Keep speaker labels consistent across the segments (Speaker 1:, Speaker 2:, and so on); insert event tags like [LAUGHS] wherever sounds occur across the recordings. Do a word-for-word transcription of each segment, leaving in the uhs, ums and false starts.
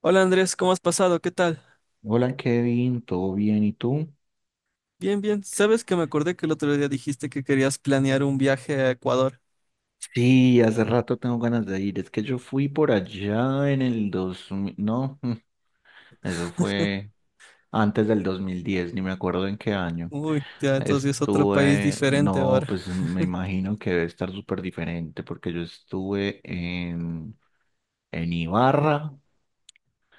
Speaker 1: Hola Andrés, ¿cómo has pasado? ¿Qué tal?
Speaker 2: Hola Kevin, ¿todo bien? ¿Y tú?
Speaker 1: Bien, bien. Sabes que me acordé que el otro día dijiste que querías planear un viaje a Ecuador.
Speaker 2: Sí, hace rato tengo ganas de ir. Es que yo fui por allá en el dos mil, no, [LAUGHS] mm, eso fue antes del dos mil diez, ni me acuerdo en qué año.
Speaker 1: Uy, ya, entonces es otro país
Speaker 2: Estuve,
Speaker 1: diferente
Speaker 2: no,
Speaker 1: ahora.
Speaker 2: pues me imagino que debe estar súper diferente porque yo estuve en, en Ibarra,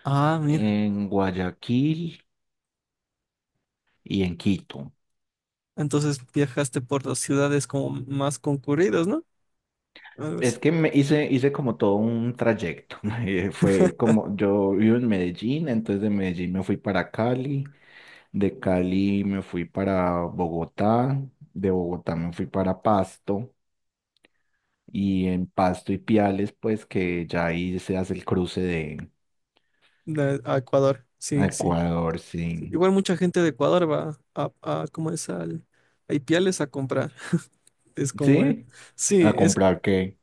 Speaker 1: Ah, mira.
Speaker 2: en Guayaquil y en Quito.
Speaker 1: Entonces viajaste por las ciudades como más concurridas, ¿no? Algo así.
Speaker 2: Es que me hice, hice como todo un trayecto. [LAUGHS] Eh, Fue como, yo vivo en Medellín, entonces de Medellín me fui para Cali, de Cali me fui para Bogotá, de Bogotá me fui para Pasto, y en Pasto y Piales, pues que ya ahí se hace el cruce de
Speaker 1: De- a Ecuador.
Speaker 2: a
Speaker 1: Sí, sí.
Speaker 2: Ecuador,
Speaker 1: Sí.
Speaker 2: sí.
Speaker 1: Igual mucha gente de Ecuador va a, a ¿cómo es? Al, a Ipiales a comprar. [LAUGHS] Es como, eh,
Speaker 2: ¿Sí? ¿A
Speaker 1: sí, es
Speaker 2: comprar qué?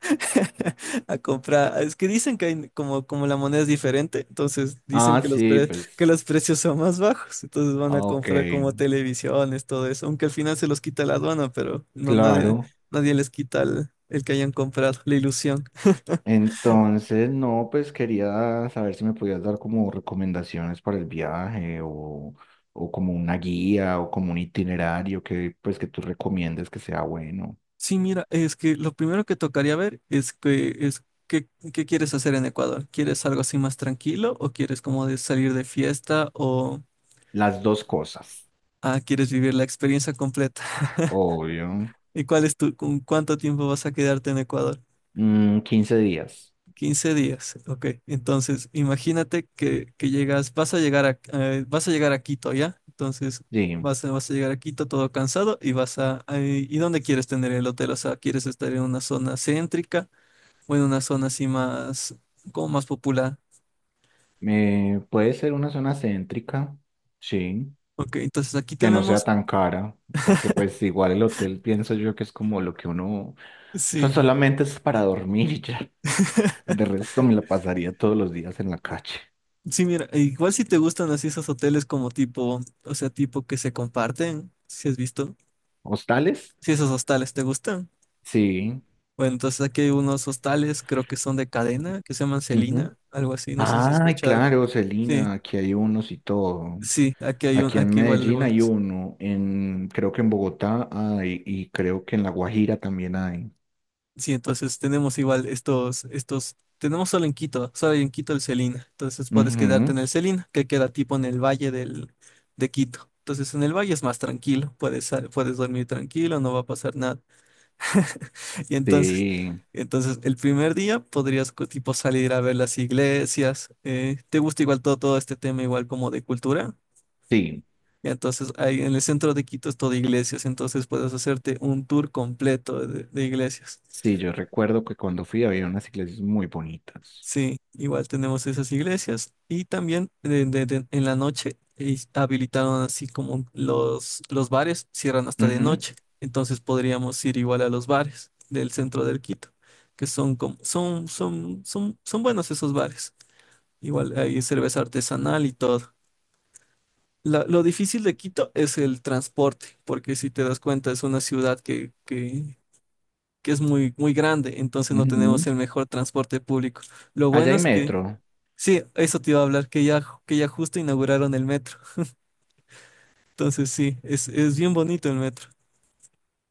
Speaker 1: [LAUGHS] a comprar. Es que dicen que hay como, como la moneda es diferente, entonces dicen
Speaker 2: Ah,
Speaker 1: que los,
Speaker 2: sí,
Speaker 1: pre- que
Speaker 2: pues,
Speaker 1: los precios son más bajos, entonces van a
Speaker 2: ah, ok,
Speaker 1: comprar como televisiones, todo eso, aunque al final se los quita la aduana, pero no nadie,
Speaker 2: claro.
Speaker 1: nadie les quita el, el que hayan comprado, la ilusión.
Speaker 2: Entonces, no, pues quería saber si me podías dar como recomendaciones para el viaje o, o como una guía o como un itinerario que pues que tú recomiendes que sea bueno.
Speaker 1: Sí, mira, es que lo primero que tocaría ver es que es qué, qué quieres hacer en Ecuador. ¿Quieres algo así más tranquilo o quieres como de salir de fiesta o
Speaker 2: Las dos cosas,
Speaker 1: ah, quieres vivir la experiencia completa? [LAUGHS]
Speaker 2: obvio.
Speaker 1: ¿Y cuál es tu, con cuánto tiempo vas a quedarte en Ecuador?
Speaker 2: Mm, quince días,
Speaker 1: Quince días, ok. Entonces, imagínate que, que llegas, vas a llegar a, eh, vas a llegar a Quito, ¿ya? Entonces,
Speaker 2: sí.
Speaker 1: vas a, vas a llegar a Quito todo cansado y vas a, ay, ¿y dónde quieres tener el hotel? O sea, ¿quieres estar en una zona céntrica o en una zona así más, como más popular?
Speaker 2: Eh, puede ser una zona céntrica, sí,
Speaker 1: Ok, entonces aquí
Speaker 2: que no sea
Speaker 1: tenemos,
Speaker 2: tan cara, porque pues igual el hotel pienso yo que es como lo que uno, eso
Speaker 1: sí,
Speaker 2: solamente es para dormir [LAUGHS] y ya. De resto me la pasaría todos los días en la calle.
Speaker 1: sí, mira, igual si te gustan así esos hoteles como tipo, o sea, tipo que se comparten, si has visto,
Speaker 2: ¿Hostales?
Speaker 1: si esos hostales te gustan.
Speaker 2: Sí.
Speaker 1: Bueno, entonces aquí hay unos hostales, creo que son de cadena, que se llaman
Speaker 2: Ujú.
Speaker 1: Celina, algo así, no sé si se
Speaker 2: Ay,
Speaker 1: escuchado.
Speaker 2: claro,
Speaker 1: Sí,
Speaker 2: Celina, aquí hay unos y todo.
Speaker 1: sí, aquí hay un,
Speaker 2: Aquí en
Speaker 1: aquí igual
Speaker 2: Medellín hay
Speaker 1: algunos.
Speaker 2: uno, en, creo que en Bogotá hay, y creo que en La Guajira también hay.
Speaker 1: Sí, entonces tenemos igual estos, estos, tenemos solo en Quito, solo hay en Quito el Celina. Entonces puedes quedarte en
Speaker 2: Ujú.
Speaker 1: el Celina, que queda tipo en el valle del, de Quito. Entonces en el valle es más tranquilo, puedes, sal- puedes dormir tranquilo, no va a pasar nada. [LAUGHS] Y entonces,
Speaker 2: Sí,
Speaker 1: entonces el primer día podrías co- tipo salir a ver las iglesias. Eh, ¿te gusta igual todo, todo este tema igual como de cultura?
Speaker 2: sí,
Speaker 1: Y entonces ahí en el centro de Quito es todo iglesias, entonces puedes hacerte un tour completo de, de iglesias.
Speaker 2: sí, yo recuerdo que cuando fui había unas iglesias muy bonitas.
Speaker 1: Sí, igual tenemos esas iglesias. Y también de- de- de- en la noche eh, habilitaron así como los, los bares cierran hasta de
Speaker 2: Ujú,
Speaker 1: noche. Entonces podríamos ir igual a los bares del centro del Quito, que son como, son, son, son, son buenos esos bares. Igual hay cerveza artesanal y todo. La- lo difícil de Quito es el transporte, porque si te das cuenta es una ciudad que, que, que es muy, muy grande, entonces no
Speaker 2: ujú.
Speaker 1: tenemos el mejor transporte público. Lo
Speaker 2: Allá
Speaker 1: bueno
Speaker 2: hay
Speaker 1: es que
Speaker 2: metro.
Speaker 1: sí, eso te iba a hablar, que ya, que ya justo inauguraron el metro. Entonces sí, es, es bien bonito el metro.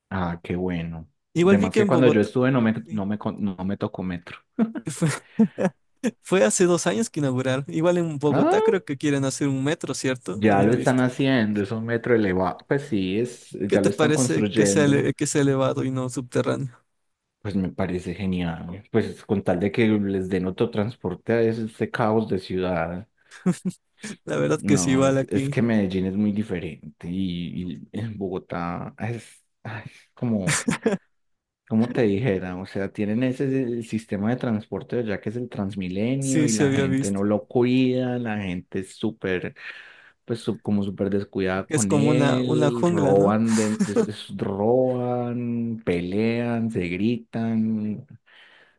Speaker 2: Ah, qué bueno.
Speaker 1: Igual vi
Speaker 2: Además
Speaker 1: que
Speaker 2: que
Speaker 1: en
Speaker 2: cuando yo
Speaker 1: Bogotá,
Speaker 2: estuve no me,
Speaker 1: sí,
Speaker 2: no me, con- no me tocó metro. [LAUGHS]
Speaker 1: fue, [LAUGHS] fue hace dos años que inauguraron. Igual en Bogotá
Speaker 2: Ah,
Speaker 1: creo que quieren hacer un metro, ¿cierto?
Speaker 2: ya
Speaker 1: Había
Speaker 2: lo están
Speaker 1: visto.
Speaker 2: haciendo, es un metro elevado. Pues sí, es,
Speaker 1: ¿Qué
Speaker 2: ya
Speaker 1: te
Speaker 2: lo están
Speaker 1: parece que sea, ele-
Speaker 2: construyendo.
Speaker 1: que sea elevado y no subterráneo?
Speaker 2: Pues me parece genial. Pues con tal de que les den otro transporte a ese, este caos de ciudad.
Speaker 1: La verdad que sí,
Speaker 2: No,
Speaker 1: igual
Speaker 2: es, es
Speaker 1: aquí.
Speaker 2: que Medellín es muy diferente y, y en Bogotá es, ay, es como... como te dijera, o sea, tienen ese el sistema de transporte ya que es el Transmilenio
Speaker 1: Sí,
Speaker 2: y
Speaker 1: sí
Speaker 2: la
Speaker 1: había
Speaker 2: gente
Speaker 1: visto.
Speaker 2: no lo cuida, la gente es súper, pues su- como súper descuidada
Speaker 1: Es
Speaker 2: con
Speaker 1: como una, una
Speaker 2: él,
Speaker 1: jungla, ¿no?
Speaker 2: roban, de, des- des- roban, pelean, se gritan,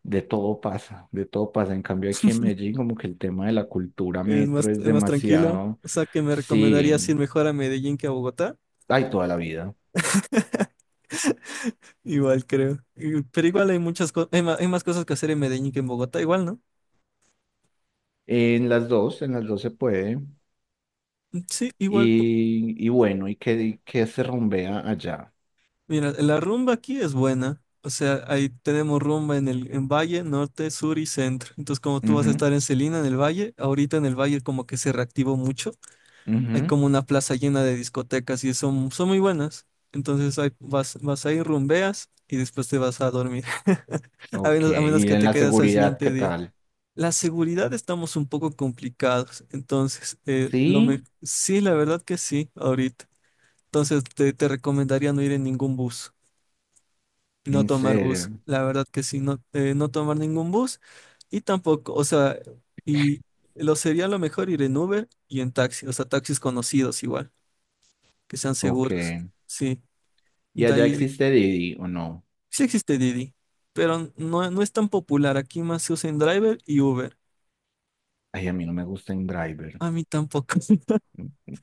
Speaker 2: de todo pasa, de todo pasa. En cambio aquí en Medellín como que el tema de la cultura
Speaker 1: Es más,
Speaker 2: metro es
Speaker 1: es más tranquilo.
Speaker 2: demasiado,
Speaker 1: O sea, que me recomendarías ir
Speaker 2: sí,
Speaker 1: mejor a Medellín que a Bogotá.
Speaker 2: hay toda la vida.
Speaker 1: Igual creo. Y- Pero igual hay muchas cosas, hay ma- hay más cosas que hacer en Medellín que en Bogotá, igual, ¿no?
Speaker 2: En las dos, en las dos se puede.
Speaker 1: Mm, sí, igual. po-
Speaker 2: Y, y bueno, y que, y que se rumbea allá.
Speaker 1: Mira, la rumba aquí es buena. O sea, ahí tenemos rumba en el en Valle, Norte, Sur y Centro. Entonces, como tú vas a
Speaker 2: Ujú,
Speaker 1: estar en Celina, en el Valle, ahorita en el Valle como que se reactivó mucho. Hay
Speaker 2: ujú.
Speaker 1: como una plaza llena de discotecas y son, son muy buenas. Entonces, ahí vas, vas ahí, rumbeas y después te vas a dormir. [LAUGHS] A
Speaker 2: Ok,
Speaker 1: menos, a menos
Speaker 2: y
Speaker 1: que
Speaker 2: en
Speaker 1: te
Speaker 2: la
Speaker 1: quedas al
Speaker 2: seguridad, ¿qué
Speaker 1: siguiente día.
Speaker 2: tal?
Speaker 1: La seguridad estamos un poco complicados, entonces, eh, lo
Speaker 2: Sí,
Speaker 1: me- sí, la verdad que sí, ahorita. Entonces, te, te recomendaría no ir en ningún bus, no
Speaker 2: en
Speaker 1: tomar bus,
Speaker 2: serio.
Speaker 1: la verdad que sí, no, eh, no tomar ningún bus y tampoco, o sea, y lo sería lo mejor ir en Uber y en taxi, o sea, taxis conocidos igual, que sean
Speaker 2: Ok.
Speaker 1: seguros, sí.
Speaker 2: ¿Y
Speaker 1: De
Speaker 2: allá
Speaker 1: ahí,
Speaker 2: existe Didi o no?
Speaker 1: sí existe Didi, pero no, no es tan popular, aquí más se usa en Driver y Uber.
Speaker 2: Ay, a mí no me gusta driver
Speaker 1: A mí tampoco, [LAUGHS]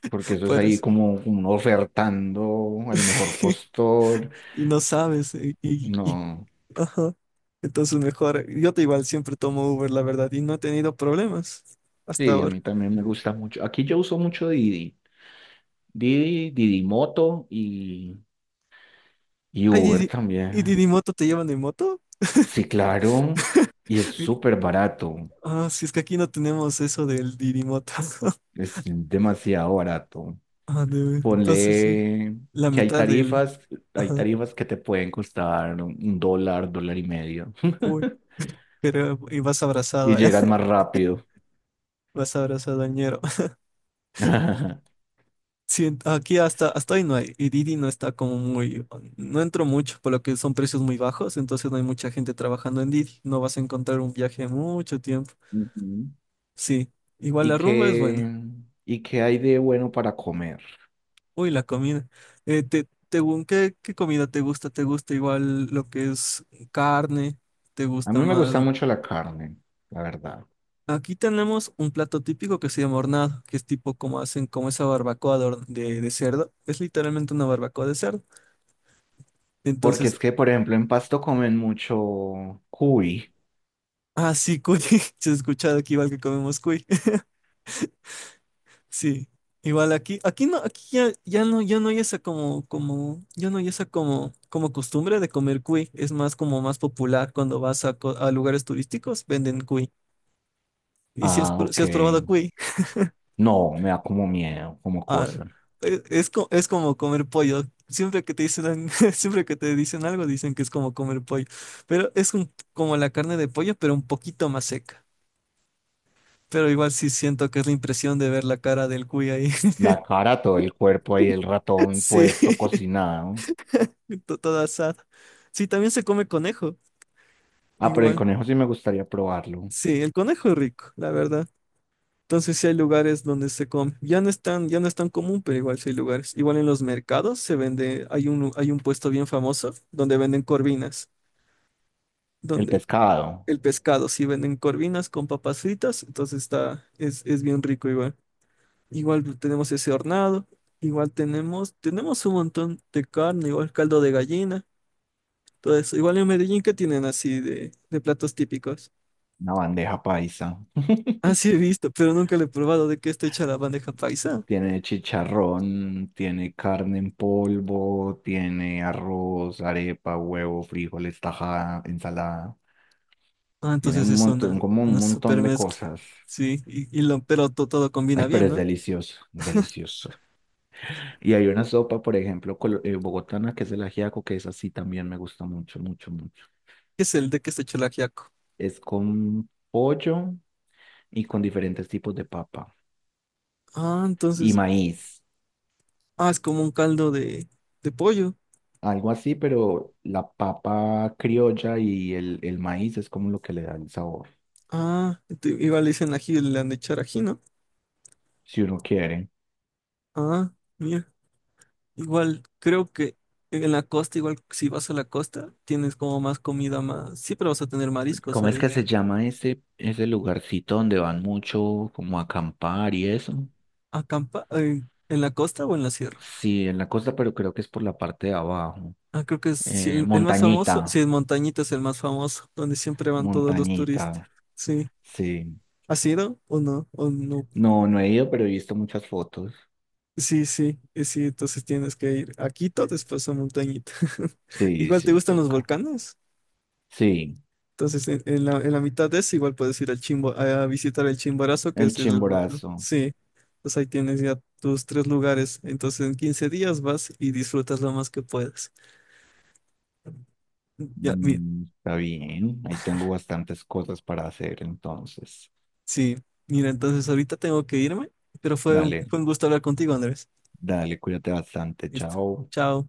Speaker 2: porque eso es
Speaker 1: por
Speaker 2: ahí
Speaker 1: eso.
Speaker 2: como, como uno ofertando al mejor postor.
Speaker 1: Y no sabes. Eh, Y, y-
Speaker 2: No,
Speaker 1: ajá. Entonces mejor, yo te igual siempre tomo Uber, la verdad, y no he tenido problemas hasta
Speaker 2: sí, a
Speaker 1: ahora.
Speaker 2: mí también me gusta mucho. Aquí yo uso mucho Didi. Didi, Didi Moto y, y
Speaker 1: Ay,
Speaker 2: Uber
Speaker 1: Didi- ¿y
Speaker 2: también.
Speaker 1: Didimoto te llevan en moto?
Speaker 2: Sí, claro. Y es
Speaker 1: Eh,
Speaker 2: súper barato.
Speaker 1: Ah, si es que aquí no tenemos eso del Didimoto. [LAUGHS]
Speaker 2: Es demasiado barato.
Speaker 1: Ah, de- entonces sí,
Speaker 2: Ponle
Speaker 1: la
Speaker 2: que hay
Speaker 1: mitad del.
Speaker 2: tarifas, hay
Speaker 1: Ajá.
Speaker 2: tarifas que te pueden costar un dólar, dólar y medio.
Speaker 1: Uy,
Speaker 2: [LAUGHS]
Speaker 1: pero y vas
Speaker 2: Y
Speaker 1: abrazado, [LAUGHS] ¿eh?
Speaker 2: llegas más rápido.
Speaker 1: Vas abrazado al ñero.
Speaker 2: [LAUGHS]
Speaker 1: Sí, aquí hasta, hasta hoy no hay, y Didi no está como muy, no entro mucho, por lo que son precios muy bajos, entonces no hay mucha gente trabajando en Didi, no vas a encontrar un viaje mucho tiempo.
Speaker 2: Ujú.
Speaker 1: Sí, igual la
Speaker 2: ¿Y
Speaker 1: rumba es
Speaker 2: qué,
Speaker 1: buena.
Speaker 2: ¿Y qué hay de bueno para comer?
Speaker 1: Uy, la comida. Eh, te, te gu- ¿qué, qué comida te gusta? ¿Te gusta igual lo que es carne? ¿Te
Speaker 2: A
Speaker 1: gusta
Speaker 2: mí me
Speaker 1: más?
Speaker 2: gusta mucho la carne, la verdad.
Speaker 1: Aquí tenemos un plato típico que se llama hornado, que es tipo como hacen como esa barbacoa de, hor- de de cerdo. Es literalmente una barbacoa de cerdo.
Speaker 2: Porque
Speaker 1: Entonces.
Speaker 2: es que, por ejemplo, en Pasto comen mucho cuy.
Speaker 1: Ah, sí, cuy. [LAUGHS] Se ha escuchado aquí igual que comemos cuy. [LAUGHS] Sí. Igual aquí, aquí no, aquí ya, ya no, ya no hay esa como, como, ya no hay esa como, como costumbre de comer cuy. Es más como más popular cuando vas a, co- a lugares turísticos, venden cuy. Y si has,
Speaker 2: Ah,
Speaker 1: pr- si
Speaker 2: ok.
Speaker 1: has probado cuy, [LAUGHS]
Speaker 2: No, me da como miedo, como
Speaker 1: ah,
Speaker 2: cosa.
Speaker 1: e- es, co- es como comer pollo. Siempre que te dicen, [LAUGHS] siempre que te dicen algo, dicen que es como comer pollo. Pero es un- como la carne de pollo, pero un poquito más seca. Pero igual sí siento que es la impresión de ver la cara del cuy ahí.
Speaker 2: La cara, todo el cuerpo ahí, el ratón
Speaker 1: Sí,
Speaker 2: puesto, cocinado.
Speaker 1: [LAUGHS] to- todo asado. Sí, también se come conejo,
Speaker 2: Ah, pero el
Speaker 1: igual.
Speaker 2: conejo sí me gustaría probarlo.
Speaker 1: Sí, el conejo es rico, la verdad. Entonces sí hay lugares donde se come. Ya no es tan, ya no es tan común, pero igual sí hay lugares. Igual en los mercados se vende, hay un, hay un puesto bien famoso donde venden corvinas,
Speaker 2: El
Speaker 1: donde
Speaker 2: pescado,
Speaker 1: el pescado, sí venden corvinas con papas fritas, entonces está, es, es bien rico igual. Igual tenemos ese hornado, igual tenemos, tenemos un montón de carne, igual caldo de gallina. Todo eso. Igual en Medellín, ¿qué tienen así de, de platos típicos?
Speaker 2: una bandeja paisa.
Speaker 1: Ah, sí he visto, pero nunca lo he probado de qué está hecha la bandeja paisa.
Speaker 2: Tiene chicharrón, tiene carne en polvo, tiene arroz, arepa, huevo, frijoles, tajada, ensalada.
Speaker 1: Ah,
Speaker 2: Tiene
Speaker 1: entonces
Speaker 2: un
Speaker 1: es
Speaker 2: montón,
Speaker 1: una,
Speaker 2: como
Speaker 1: una
Speaker 2: un
Speaker 1: super
Speaker 2: montón de
Speaker 1: mezcla.
Speaker 2: cosas.
Speaker 1: Sí, y, y lo, pero to- todo combina
Speaker 2: Ay, pero
Speaker 1: bien,
Speaker 2: es
Speaker 1: ¿no?
Speaker 2: delicioso, delicioso. Y hay una sopa, por ejemplo, colo- eh, bogotana, que es el ajiaco, que es así también me gusta mucho, mucho, mucho.
Speaker 1: ¿Qué es el de qué está hecho el ajiaco?
Speaker 2: Es con pollo y con diferentes tipos de papa
Speaker 1: Ah,
Speaker 2: y
Speaker 1: entonces,
Speaker 2: maíz.
Speaker 1: ah, es como un caldo de, de pollo.
Speaker 2: Algo así, pero la papa criolla y el, el maíz es como lo que le da el sabor,
Speaker 1: Ah, te- igual le dicen ají, le han de echar ají, ¿no?
Speaker 2: si uno quiere.
Speaker 1: Ah, mira, igual, creo que en la costa, igual si vas a la costa, tienes como más comida, más, siempre vas a tener mariscos
Speaker 2: ¿Cómo es
Speaker 1: ahí.
Speaker 2: que se llama ese, ese lugarcito donde van mucho como a acampar y eso?
Speaker 1: Acampa eh, en la costa o en la sierra.
Speaker 2: Sí, en la costa, pero creo que es por la parte de abajo.
Speaker 1: Ah, creo que es sí,
Speaker 2: Eh,
Speaker 1: el, el más famoso.
Speaker 2: montañita,
Speaker 1: Sí, en Montañita es el más famoso, donde siempre van todos los turistas.
Speaker 2: Montañita,
Speaker 1: Sí.
Speaker 2: sí.
Speaker 1: ¿Has ido o no? ¿O no?
Speaker 2: No, no he ido, pero he visto muchas fotos.
Speaker 1: Sí, sí, eh, sí, entonces tienes que ir a Quito, después a Montañita. [LAUGHS]
Speaker 2: Sí,
Speaker 1: Igual te
Speaker 2: sí,
Speaker 1: gustan los
Speaker 2: toca.
Speaker 1: volcanes.
Speaker 2: Sí,
Speaker 1: Entonces, en, en la, en la mitad de eso, igual puedes ir al Chimbo, a visitar el Chimborazo, que
Speaker 2: el
Speaker 1: es el volcán.
Speaker 2: Chimborazo.
Speaker 1: Sí, pues ahí tienes ya tus tres lugares. Entonces, en quince días vas y disfrutas lo más que puedas. Ya, mi-
Speaker 2: Mm, Está bien, ahí tengo bastantes cosas para hacer entonces.
Speaker 1: sí, mira, entonces ahorita tengo que irme, pero fue un,
Speaker 2: Dale,
Speaker 1: fue un gusto hablar contigo, Andrés.
Speaker 2: dale, cuídate bastante,
Speaker 1: Listo.
Speaker 2: chao.
Speaker 1: Chao.